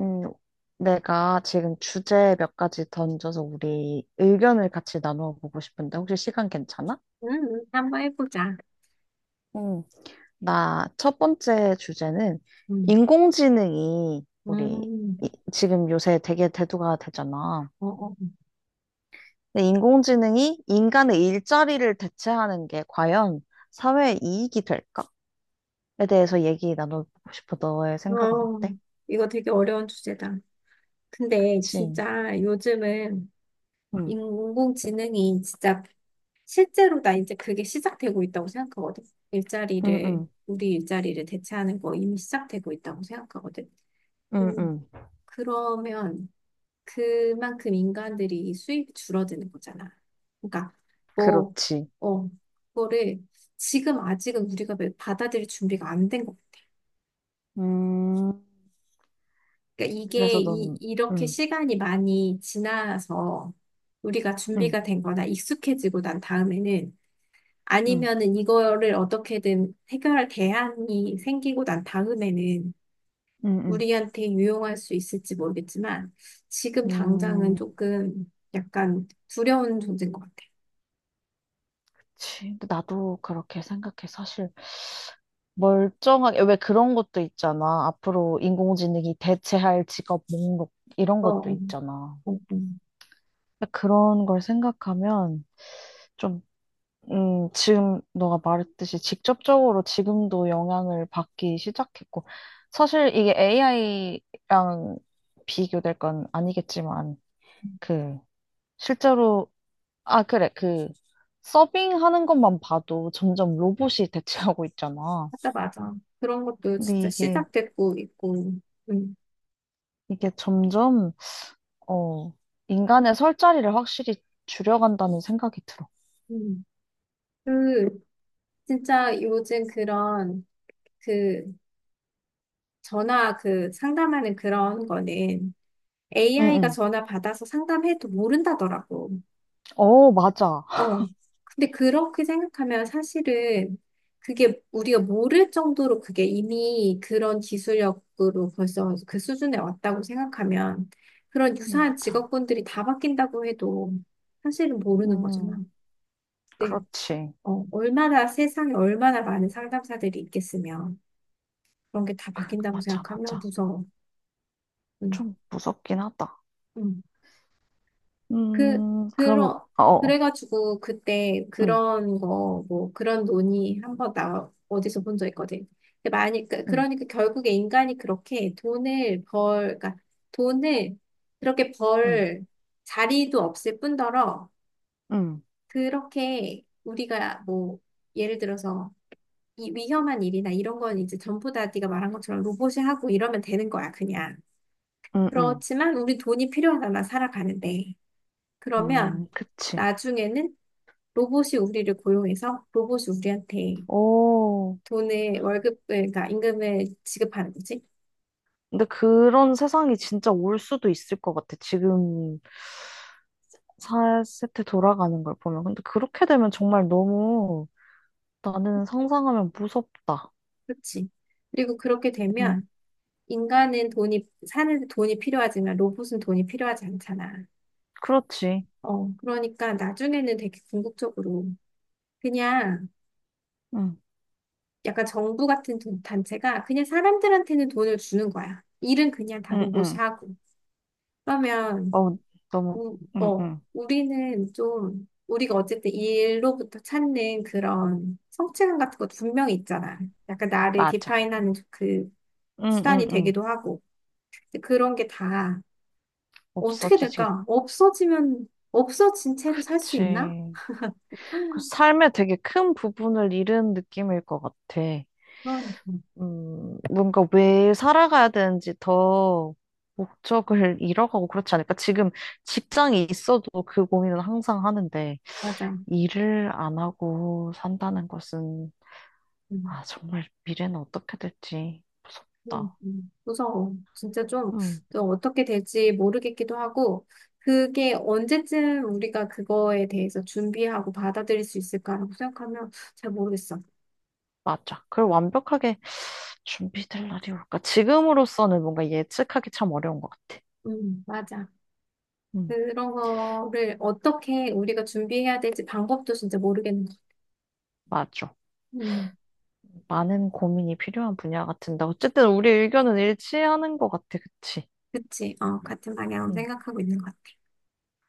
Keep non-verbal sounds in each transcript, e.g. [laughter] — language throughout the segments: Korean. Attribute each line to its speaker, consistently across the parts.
Speaker 1: 음, 내가 지금 주제 몇 가지 던져서 우리 의견을 같이 나누어 보고 싶은데 혹시 시간 괜찮아?
Speaker 2: 한번 해보자.
Speaker 1: 응, 나 첫 번째 주제는
Speaker 2: 음,
Speaker 1: 인공지능이 우리
Speaker 2: 음,
Speaker 1: 지금 요새 되게 대두가 되잖아.
Speaker 2: 어, 어,
Speaker 1: 근데 인공지능이 인간의 일자리를 대체하는 게 과연 사회에 이익이 될까?에 대해서 얘기 나눠보고 싶어. 너의
Speaker 2: 어,
Speaker 1: 생각은
Speaker 2: 어,
Speaker 1: 어때?
Speaker 2: 이거 되게 어려운 주제다. 근데
Speaker 1: 그치?
Speaker 2: 진짜 요즘은
Speaker 1: 응.
Speaker 2: 인공지능이 진짜 실제로 나 이제 그게 시작되고 있다고 생각하거든.
Speaker 1: 응,
Speaker 2: 일자리를,
Speaker 1: 응,
Speaker 2: 우리 일자리를 대체하는 거 이미 시작되고 있다고 생각하거든.
Speaker 1: 응,
Speaker 2: 음,
Speaker 1: 응.
Speaker 2: 그러면 그만큼 인간들이 수입이 줄어드는 거잖아. 그러니까 뭐,
Speaker 1: 그렇지.
Speaker 2: 어, 그거를 지금 아직은 우리가 받아들일 준비가 안된것
Speaker 1: 음.
Speaker 2: 그러니까 이게
Speaker 1: 그래서 넌,
Speaker 2: 이렇게
Speaker 1: 응,
Speaker 2: 시간이 많이 지나서 우리가
Speaker 1: 응,
Speaker 2: 준비가 된 거나 익숙해지고 난 다음에는
Speaker 1: 응,
Speaker 2: 아니면은 이거를 어떻게든 해결할 대안이 생기고 난 다음에는
Speaker 1: 응,
Speaker 2: 우리한테 유용할 수 있을지 모르겠지만 지금
Speaker 1: 응.
Speaker 2: 당장은 조금 약간 두려운 존재인 것 같아요.
Speaker 1: 그치. 근데 나도 그렇게 생각해. 사실, 멀쩡하게, 왜 그런 것도 있잖아. 앞으로 인공지능이 대체할 직업 목록, 이런
Speaker 2: 어,
Speaker 1: 것도
Speaker 2: 어,
Speaker 1: 있잖아.
Speaker 2: 어, 어.
Speaker 1: 그런 걸 생각하면, 좀, 지금 너가 말했듯이 직접적으로 지금도 영향을 받기 시작했고, 사실 이게 AI랑 비교될 건 아니겠지만, 그, 실제로 아, 그래. 그, 서빙하는 것만 봐도 점점 로봇이 대체하고 있잖아.
Speaker 2: 맞아, 맞아. 그런 것도
Speaker 1: 근데
Speaker 2: 진짜
Speaker 1: 이게,
Speaker 2: 시작됐고 있고, 음,
Speaker 1: 이게 점점, 어, 인간의 설 자리를 확실히 줄여간다는 생각이 들어.
Speaker 2: 음. 그, 진짜 요즘 그런 그 전화 그 상담하는 그런 거는
Speaker 1: 응,
Speaker 2: AI가
Speaker 1: 응.
Speaker 2: 전화 받아서 상담해도 모른다더라고.
Speaker 1: 어, 맞아.
Speaker 2: 어. 근데 그렇게 생각하면 사실은 그게 우리가 모를 정도로 그게 이미 그런 기술력으로 벌써 그 수준에 왔다고 생각하면 그런 유사한
Speaker 1: 맞아.
Speaker 2: 직업군들이 다 바뀐다고 해도 사실은 모르는
Speaker 1: 음,
Speaker 2: 거잖아. 네.
Speaker 1: 그렇지.
Speaker 2: 어, 얼마나 세상에 얼마나 많은 상담사들이 있겠으며 그런 게 다
Speaker 1: 그,
Speaker 2: 바뀐다고
Speaker 1: 맞아,
Speaker 2: 생각하면
Speaker 1: 맞아.
Speaker 2: 무서워. 응.
Speaker 1: 좀 무섭긴 하다.
Speaker 2: 응. 그,
Speaker 1: 그럼,
Speaker 2: 그러,
Speaker 1: 어, 어.
Speaker 2: 그래가지고 그때
Speaker 1: 응,
Speaker 2: 그런 거, 뭐 그런 논의 한 번 나, 어디서 본 적 있거든. 근데 만약에,
Speaker 1: 응,
Speaker 2: 그러니까 결국에 인간이 그렇게 돈을 벌, 그러니까 돈을 그렇게
Speaker 1: 응,
Speaker 2: 벌 자리도 없을 뿐더러
Speaker 1: 응,
Speaker 2: 그렇게 우리가 뭐 예를 들어서 이 위험한 일이나 이런 건 이제 전부 다 네가 말한 것처럼 로봇이 하고 이러면 되는 거야, 그냥.
Speaker 1: 응, 응.
Speaker 2: 그렇지만 우리 돈이 필요하잖아, 살아가는데. 그러면
Speaker 1: 그치.
Speaker 2: 나중에는 로봇이 우리를 고용해서 로봇이 우리한테
Speaker 1: 오.
Speaker 2: 돈을 월급을 그러니까 임금을 지급하는 거지.
Speaker 1: 근데 그런 세상이 진짜 올 수도 있을 것 같아. 지금 4세트 돌아가는 걸 보면. 근데 그렇게 되면 정말 너무 나는 상상하면 무섭다.
Speaker 2: 그렇지. 그리고 그렇게
Speaker 1: 응,
Speaker 2: 되면 인간은 돈이 사는 데 돈이 필요하지만 로봇은 돈이 필요하지 않잖아.
Speaker 1: 그렇지.
Speaker 2: 어, 그러니까 나중에는 되게 궁극적으로 그냥
Speaker 1: 응,
Speaker 2: 약간 정부 같은 단체가 그냥 사람들한테는 돈을 주는 거야. 일은 그냥 다
Speaker 1: 응,
Speaker 2: 로봇이
Speaker 1: 응.
Speaker 2: 하고. 그러면
Speaker 1: 어, 너무, 응, 응.
Speaker 2: 우리는 좀, 우리가 어쨌든 이 일로부터 찾는 그런 성취감 같은 것도 분명히 있잖아. 약간 나를
Speaker 1: 맞아.
Speaker 2: 디파인하는 그
Speaker 1: 응, 응,
Speaker 2: 수단이
Speaker 1: 응.
Speaker 2: 되기도 하고. 근데 그런 게 다 어떻게
Speaker 1: 없어지지.
Speaker 2: 될까? 없어지면, 없어진 채로 살 수 있나?
Speaker 1: 그치. 그 삶의 되게 큰 부분을 잃은 느낌일 것 같아.
Speaker 2: 그러니까.
Speaker 1: 뭔가 왜 살아가야 되는지 더 목적을 [laughs] 잃어가고 그렇지 않을까? 지금 직장이 있어도 그 고민은 항상 하는데,
Speaker 2: 맞아.
Speaker 1: 일을 안 하고 산다는 것은,
Speaker 2: 음,
Speaker 1: 아, 정말 미래는 어떻게 될지 무섭다.
Speaker 2: 무서워. 진짜 좀,
Speaker 1: 음,
Speaker 2: 또 어떻게 될지 모르겠기도 하고, 그게 언제쯤 우리가 그거에 대해서 준비하고 받아들일 수 있을까라고 생각하면 잘 모르겠어.
Speaker 1: 맞아. 그걸 완벽하게 준비될 날이 올까? 지금으로서는 뭔가 예측하기 참 어려운 것 같아.
Speaker 2: 맞아.
Speaker 1: 음,
Speaker 2: 그런 거를 어떻게 우리가 준비해야 될지 방법도 진짜 모르겠는 거.
Speaker 1: 맞아.
Speaker 2: 음,
Speaker 1: 많은 고민이 필요한 분야 같은데, 어쨌든 우리 의견은 일치하는 것 같아. 그치?
Speaker 2: 그치. 어, 같은 방향으로
Speaker 1: 음.
Speaker 2: 생각하고 있는 것 같아.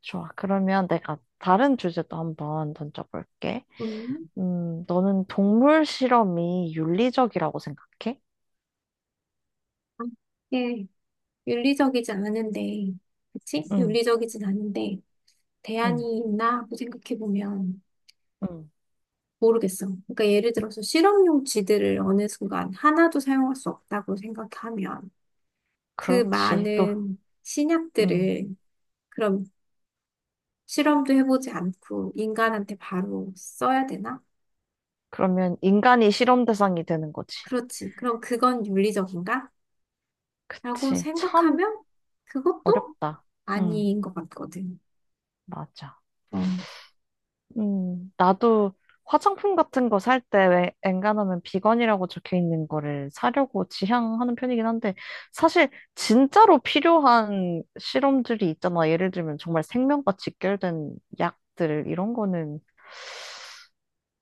Speaker 1: 좋아. 그러면 내가 다른 주제도 한번 던져볼게.
Speaker 2: 음,
Speaker 1: 너는 동물 실험이 윤리적이라고 생각해?
Speaker 2: 아, 이게 윤리적이지 않은데, 그치?
Speaker 1: 응,
Speaker 2: 윤리적이진 않은데,
Speaker 1: 응,
Speaker 2: 대안이 있나 하고 생각해보면
Speaker 1: 응.
Speaker 2: 모르겠어. 그러니까 예를 들어서 실험용 지들을 어느 순간 하나도 사용할 수 없다고 생각하면 그
Speaker 1: 그렇지. 또,
Speaker 2: 많은
Speaker 1: 음.
Speaker 2: 신약들을 그럼 실험도 해보지 않고 인간한테 바로 써야 되나?
Speaker 1: 그러면 인간이 실험 대상이 되는 거지.
Speaker 2: 그렇지. 그럼 그건 윤리적인가? 라고
Speaker 1: 그치. 참
Speaker 2: 생각하면 그것도
Speaker 1: 어렵다. 응,
Speaker 2: 아닌 것 같거든.
Speaker 1: 맞아.
Speaker 2: 어,
Speaker 1: 나도 화장품 같은 거 살 때 왜 엔간하면 비건이라고 적혀 있는 거를 사려고 지향하는 편이긴 한데 사실 진짜로 필요한 실험들이 있잖아. 예를 들면 정말 생명과 직결된 약들 이런 거는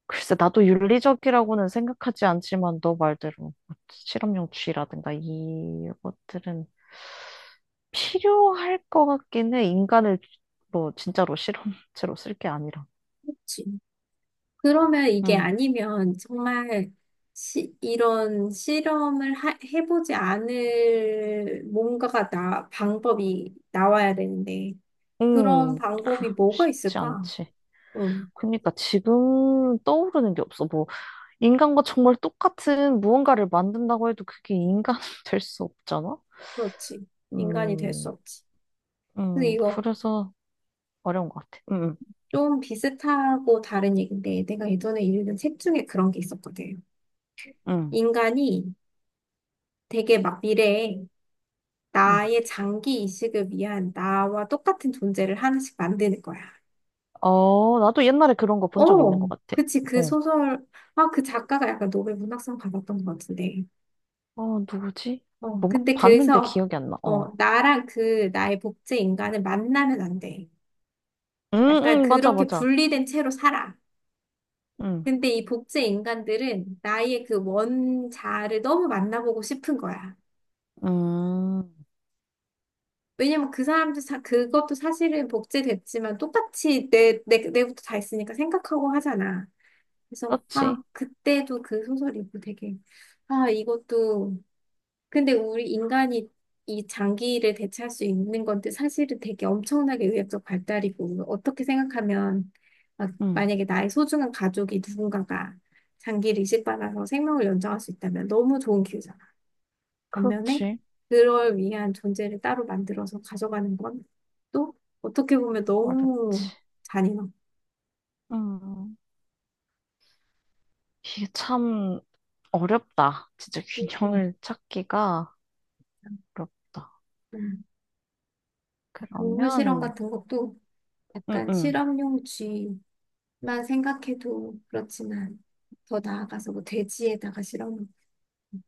Speaker 1: 글쎄 나도 윤리적이라고는 생각하지 않지만 너 말대로 뭐 실험용 쥐라든가 이것들은 필요할 것 같긴 해. 인간을 뭐 진짜로 실험체로 쓸 게 아니라.
Speaker 2: 그렇지. 그러면 이게 아니면 정말 이런 실험을 해보지 않을 뭔가가 나, 방법이 나와야 되는데 그런
Speaker 1: 그,
Speaker 2: 방법이 뭐가
Speaker 1: 쉽지
Speaker 2: 있을까?
Speaker 1: 않지.
Speaker 2: 응,
Speaker 1: 그러니까 지금 떠오르는 게 없어. 뭐, 인간과 정말 똑같은 무언가를 만든다고 해도 그게 인간 [laughs] 될 수 없잖아?
Speaker 2: 그렇지. 인간이 될 수
Speaker 1: 음,
Speaker 2: 없지. 근데 이거
Speaker 1: 그래서 어려운 것 같아.
Speaker 2: 좀 비슷하고 다른 얘기인데 내가 예전에 읽은 책 중에 그런 게 있었거든.
Speaker 1: 음,
Speaker 2: 인간이 되게 막 미래에
Speaker 1: 음.
Speaker 2: 나의 장기 이식을 위한 나와 똑같은 존재를 하나씩 만드는 거야.
Speaker 1: 어, 나도 옛날에 그런 거 본 적 있는
Speaker 2: 어,
Speaker 1: 것 같아.
Speaker 2: 그치. 그
Speaker 1: 어,
Speaker 2: 소설, 아, 그 작가가 약간 노벨 문학상 받았던 것 같은데.
Speaker 1: 어, 누구지?
Speaker 2: 어,
Speaker 1: 뭔가
Speaker 2: 근데
Speaker 1: 봤는데
Speaker 2: 그래서,
Speaker 1: 기억이 안 나. 어.
Speaker 2: 어, 나랑 그 나의 복제 인간을 만나면 안 돼.
Speaker 1: 응
Speaker 2: 약간
Speaker 1: 응 맞아,
Speaker 2: 그렇게
Speaker 1: 맞아.
Speaker 2: 분리된 채로 살아.
Speaker 1: 응
Speaker 2: 근데 이 복제 인간들은 나의 그 원자를 너무 만나보고 싶은 거야.
Speaker 1: 음,
Speaker 2: 왜냐면 그 사람들, 사, 그것도 사실은 복제됐지만 똑같이 내부터 다 있으니까 생각하고 하잖아. 그래서, 아,
Speaker 1: 그렇지.
Speaker 2: 그때도 그 소설 읽고 되게, 아, 이것도 근데 우리 인간이 이 장기를 대체할 수 있는 건데 사실은 되게 엄청나게 의학적 발달이고 어떻게 생각하면 막
Speaker 1: 응
Speaker 2: 만약에 나의 소중한 가족이 누군가가 장기를 이식받아서 생명을 연장할 수 있다면 너무 좋은 기회잖아. 반면에
Speaker 1: 그렇지.
Speaker 2: 그럴 위한 존재를 따로 만들어서 가져가는 건 또 어떻게 보면
Speaker 1: 어렵지.
Speaker 2: 너무 잔인하고
Speaker 1: 음. 음. 이게 참 어렵다. 진짜
Speaker 2: 좀,
Speaker 1: 균형을 찾기가 어렵다.
Speaker 2: 음, 동물 실험
Speaker 1: 그러면,
Speaker 2: 같은 것도
Speaker 1: 음,
Speaker 2: 약간
Speaker 1: 음,
Speaker 2: 실험용 쥐 만 생각해도 그렇지만 더 나아가서 뭐 돼지에다가 실어놓고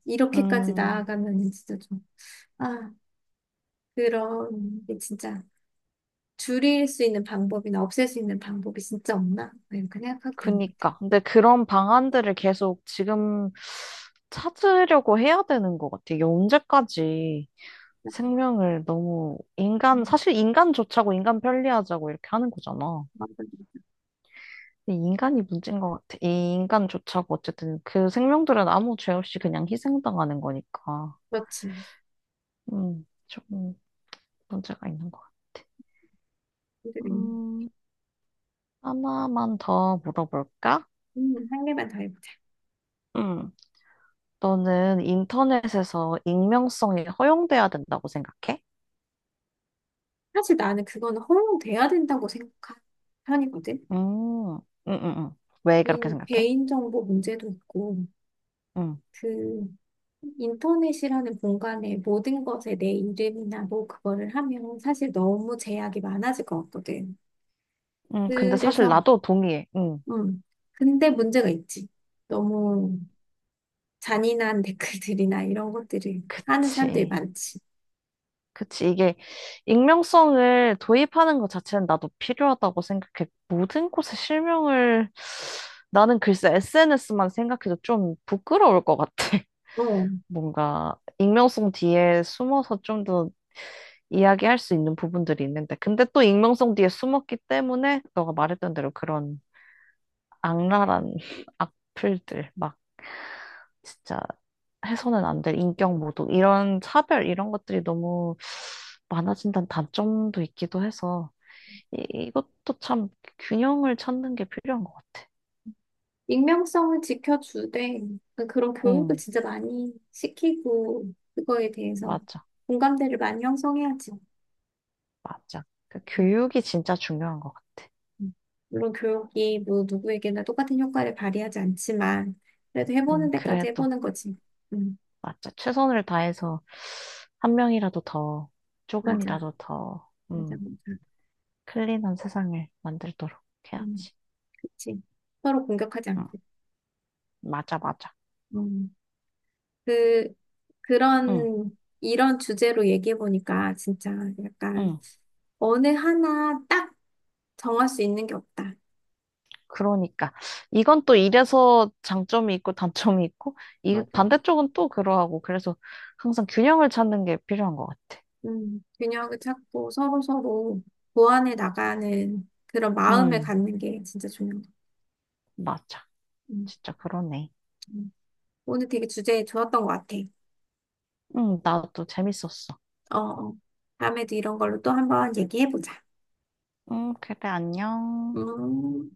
Speaker 2: 이렇게까지
Speaker 1: 음,
Speaker 2: 나아가면 진짜 좀 아 그런 게 진짜 줄일 수 있는 방법이나 없앨 수 있는 방법이 진짜 없나 뭐 이렇게 생각하게 되는 것 같아요.
Speaker 1: 그니까. 근데 그런 방안들을 계속 지금 찾으려고 해야 되는 것 같아. 이게 언제까지 생명을 너무 인간,
Speaker 2: 음,
Speaker 1: 사실 인간 좋자고 인간 편리하자고 이렇게 하는 거잖아.
Speaker 2: 맞아요.
Speaker 1: 근데 인간이 문제인 것 같아. 이 인간 좋자고 어쨌든 그 생명들은 아무 죄 없이 그냥 희생당하는 거니까.
Speaker 2: 그렇지.
Speaker 1: 좀 문제가 있는 것 같아.
Speaker 2: 힘들겠네.
Speaker 1: 음, 하나만 더 물어볼까?
Speaker 2: 한 개만 더 해보자.
Speaker 1: 음, 너는 인터넷에서 익명성이 허용돼야 된다고 생각해?
Speaker 2: 사실 나는 그거는 허용돼야 된다고 생각한 편이거든.
Speaker 1: 음, 음, 음, 음. 왜 그렇게 생각해?
Speaker 2: 개인정보 문제도 있고,
Speaker 1: 음,
Speaker 2: 그, 인터넷이라는 공간에 모든 것에 내 이름이나 뭐 그거를 하면 사실 너무 제약이 많아질 것 같거든.
Speaker 1: 근데 사실
Speaker 2: 그래서,
Speaker 1: 나도 동의해.
Speaker 2: 음. 근데 문제가 있지. 너무 잔인한 [laughs] 댓글들이나 이런 것들을 하는 사람들이
Speaker 1: 그치.
Speaker 2: 많지.
Speaker 1: 그치. 이게 익명성을 도입하는 것 자체는 나도 필요하다고 생각해. 모든 곳에 실명을 나는 글쎄 SNS만 생각해도 좀 부끄러울 것 같아.
Speaker 2: 어,
Speaker 1: 뭔가 익명성 뒤에 숨어서 좀 더 이야기할 수 있는 부분들이 있는데, 근데 또 익명성 뒤에 숨었기 때문에 너가 말했던 대로 그런 악랄한 [laughs] 악플들, 막 진짜 해서는 안 될 인격 모독, 이런 차별, 이런 것들이 너무 많아진다는 단점도 있기도 해서, 이, 이것도 참 균형을 찾는 게 필요한 것 같아.
Speaker 2: 익명성을 지켜주되 그런 교육을
Speaker 1: 응,
Speaker 2: 진짜 많이 시키고 그거에 대해서
Speaker 1: 맞아,
Speaker 2: 공감대를 많이 형성해야지.
Speaker 1: 맞아. 그 교육이 진짜 중요한 것 같아.
Speaker 2: 음. 물론 교육이 뭐 누구에게나 똑같은 효과를 발휘하지 않지만 그래도 해보는 데까지
Speaker 1: 그래도.
Speaker 2: 해보는 거지. 음,
Speaker 1: 맞아. 최선을 다해서 한 명이라도 더,
Speaker 2: 맞아,
Speaker 1: 조금이라도 더,
Speaker 2: 맞아.
Speaker 1: 클린한 세상을 만들도록
Speaker 2: 음,
Speaker 1: 해야지.
Speaker 2: 그치. 서로 공격하지
Speaker 1: 응,
Speaker 2: 않고.
Speaker 1: 맞아, 맞아.
Speaker 2: 음, 그
Speaker 1: 응,
Speaker 2: 그런 이런 주제로 얘기해 보니까 진짜 약간
Speaker 1: 응.
Speaker 2: 어느 하나 딱 정할 수 있는 게 없다.
Speaker 1: 그러니까. 이건 또 이래서 장점이 있고 단점이 있고, 이
Speaker 2: 맞아.
Speaker 1: 반대쪽은 또 그러하고, 그래서 항상 균형을 찾는 게 필요한 것 같아.
Speaker 2: 균형을 찾고 서로 서로 보완해 나가는 그런 마음을
Speaker 1: 응,
Speaker 2: 갖는 게 진짜 중요한 것 같아.
Speaker 1: 맞아.
Speaker 2: 음,
Speaker 1: 진짜 그러네.
Speaker 2: 음. 오늘 되게 주제 좋았던 것 같아.
Speaker 1: 응, 나도 재밌었어.
Speaker 2: 어, 어. 다음에도 이런 걸로 또 한번 얘기해보자.
Speaker 1: 응, 그래, 안녕.
Speaker 2: 음.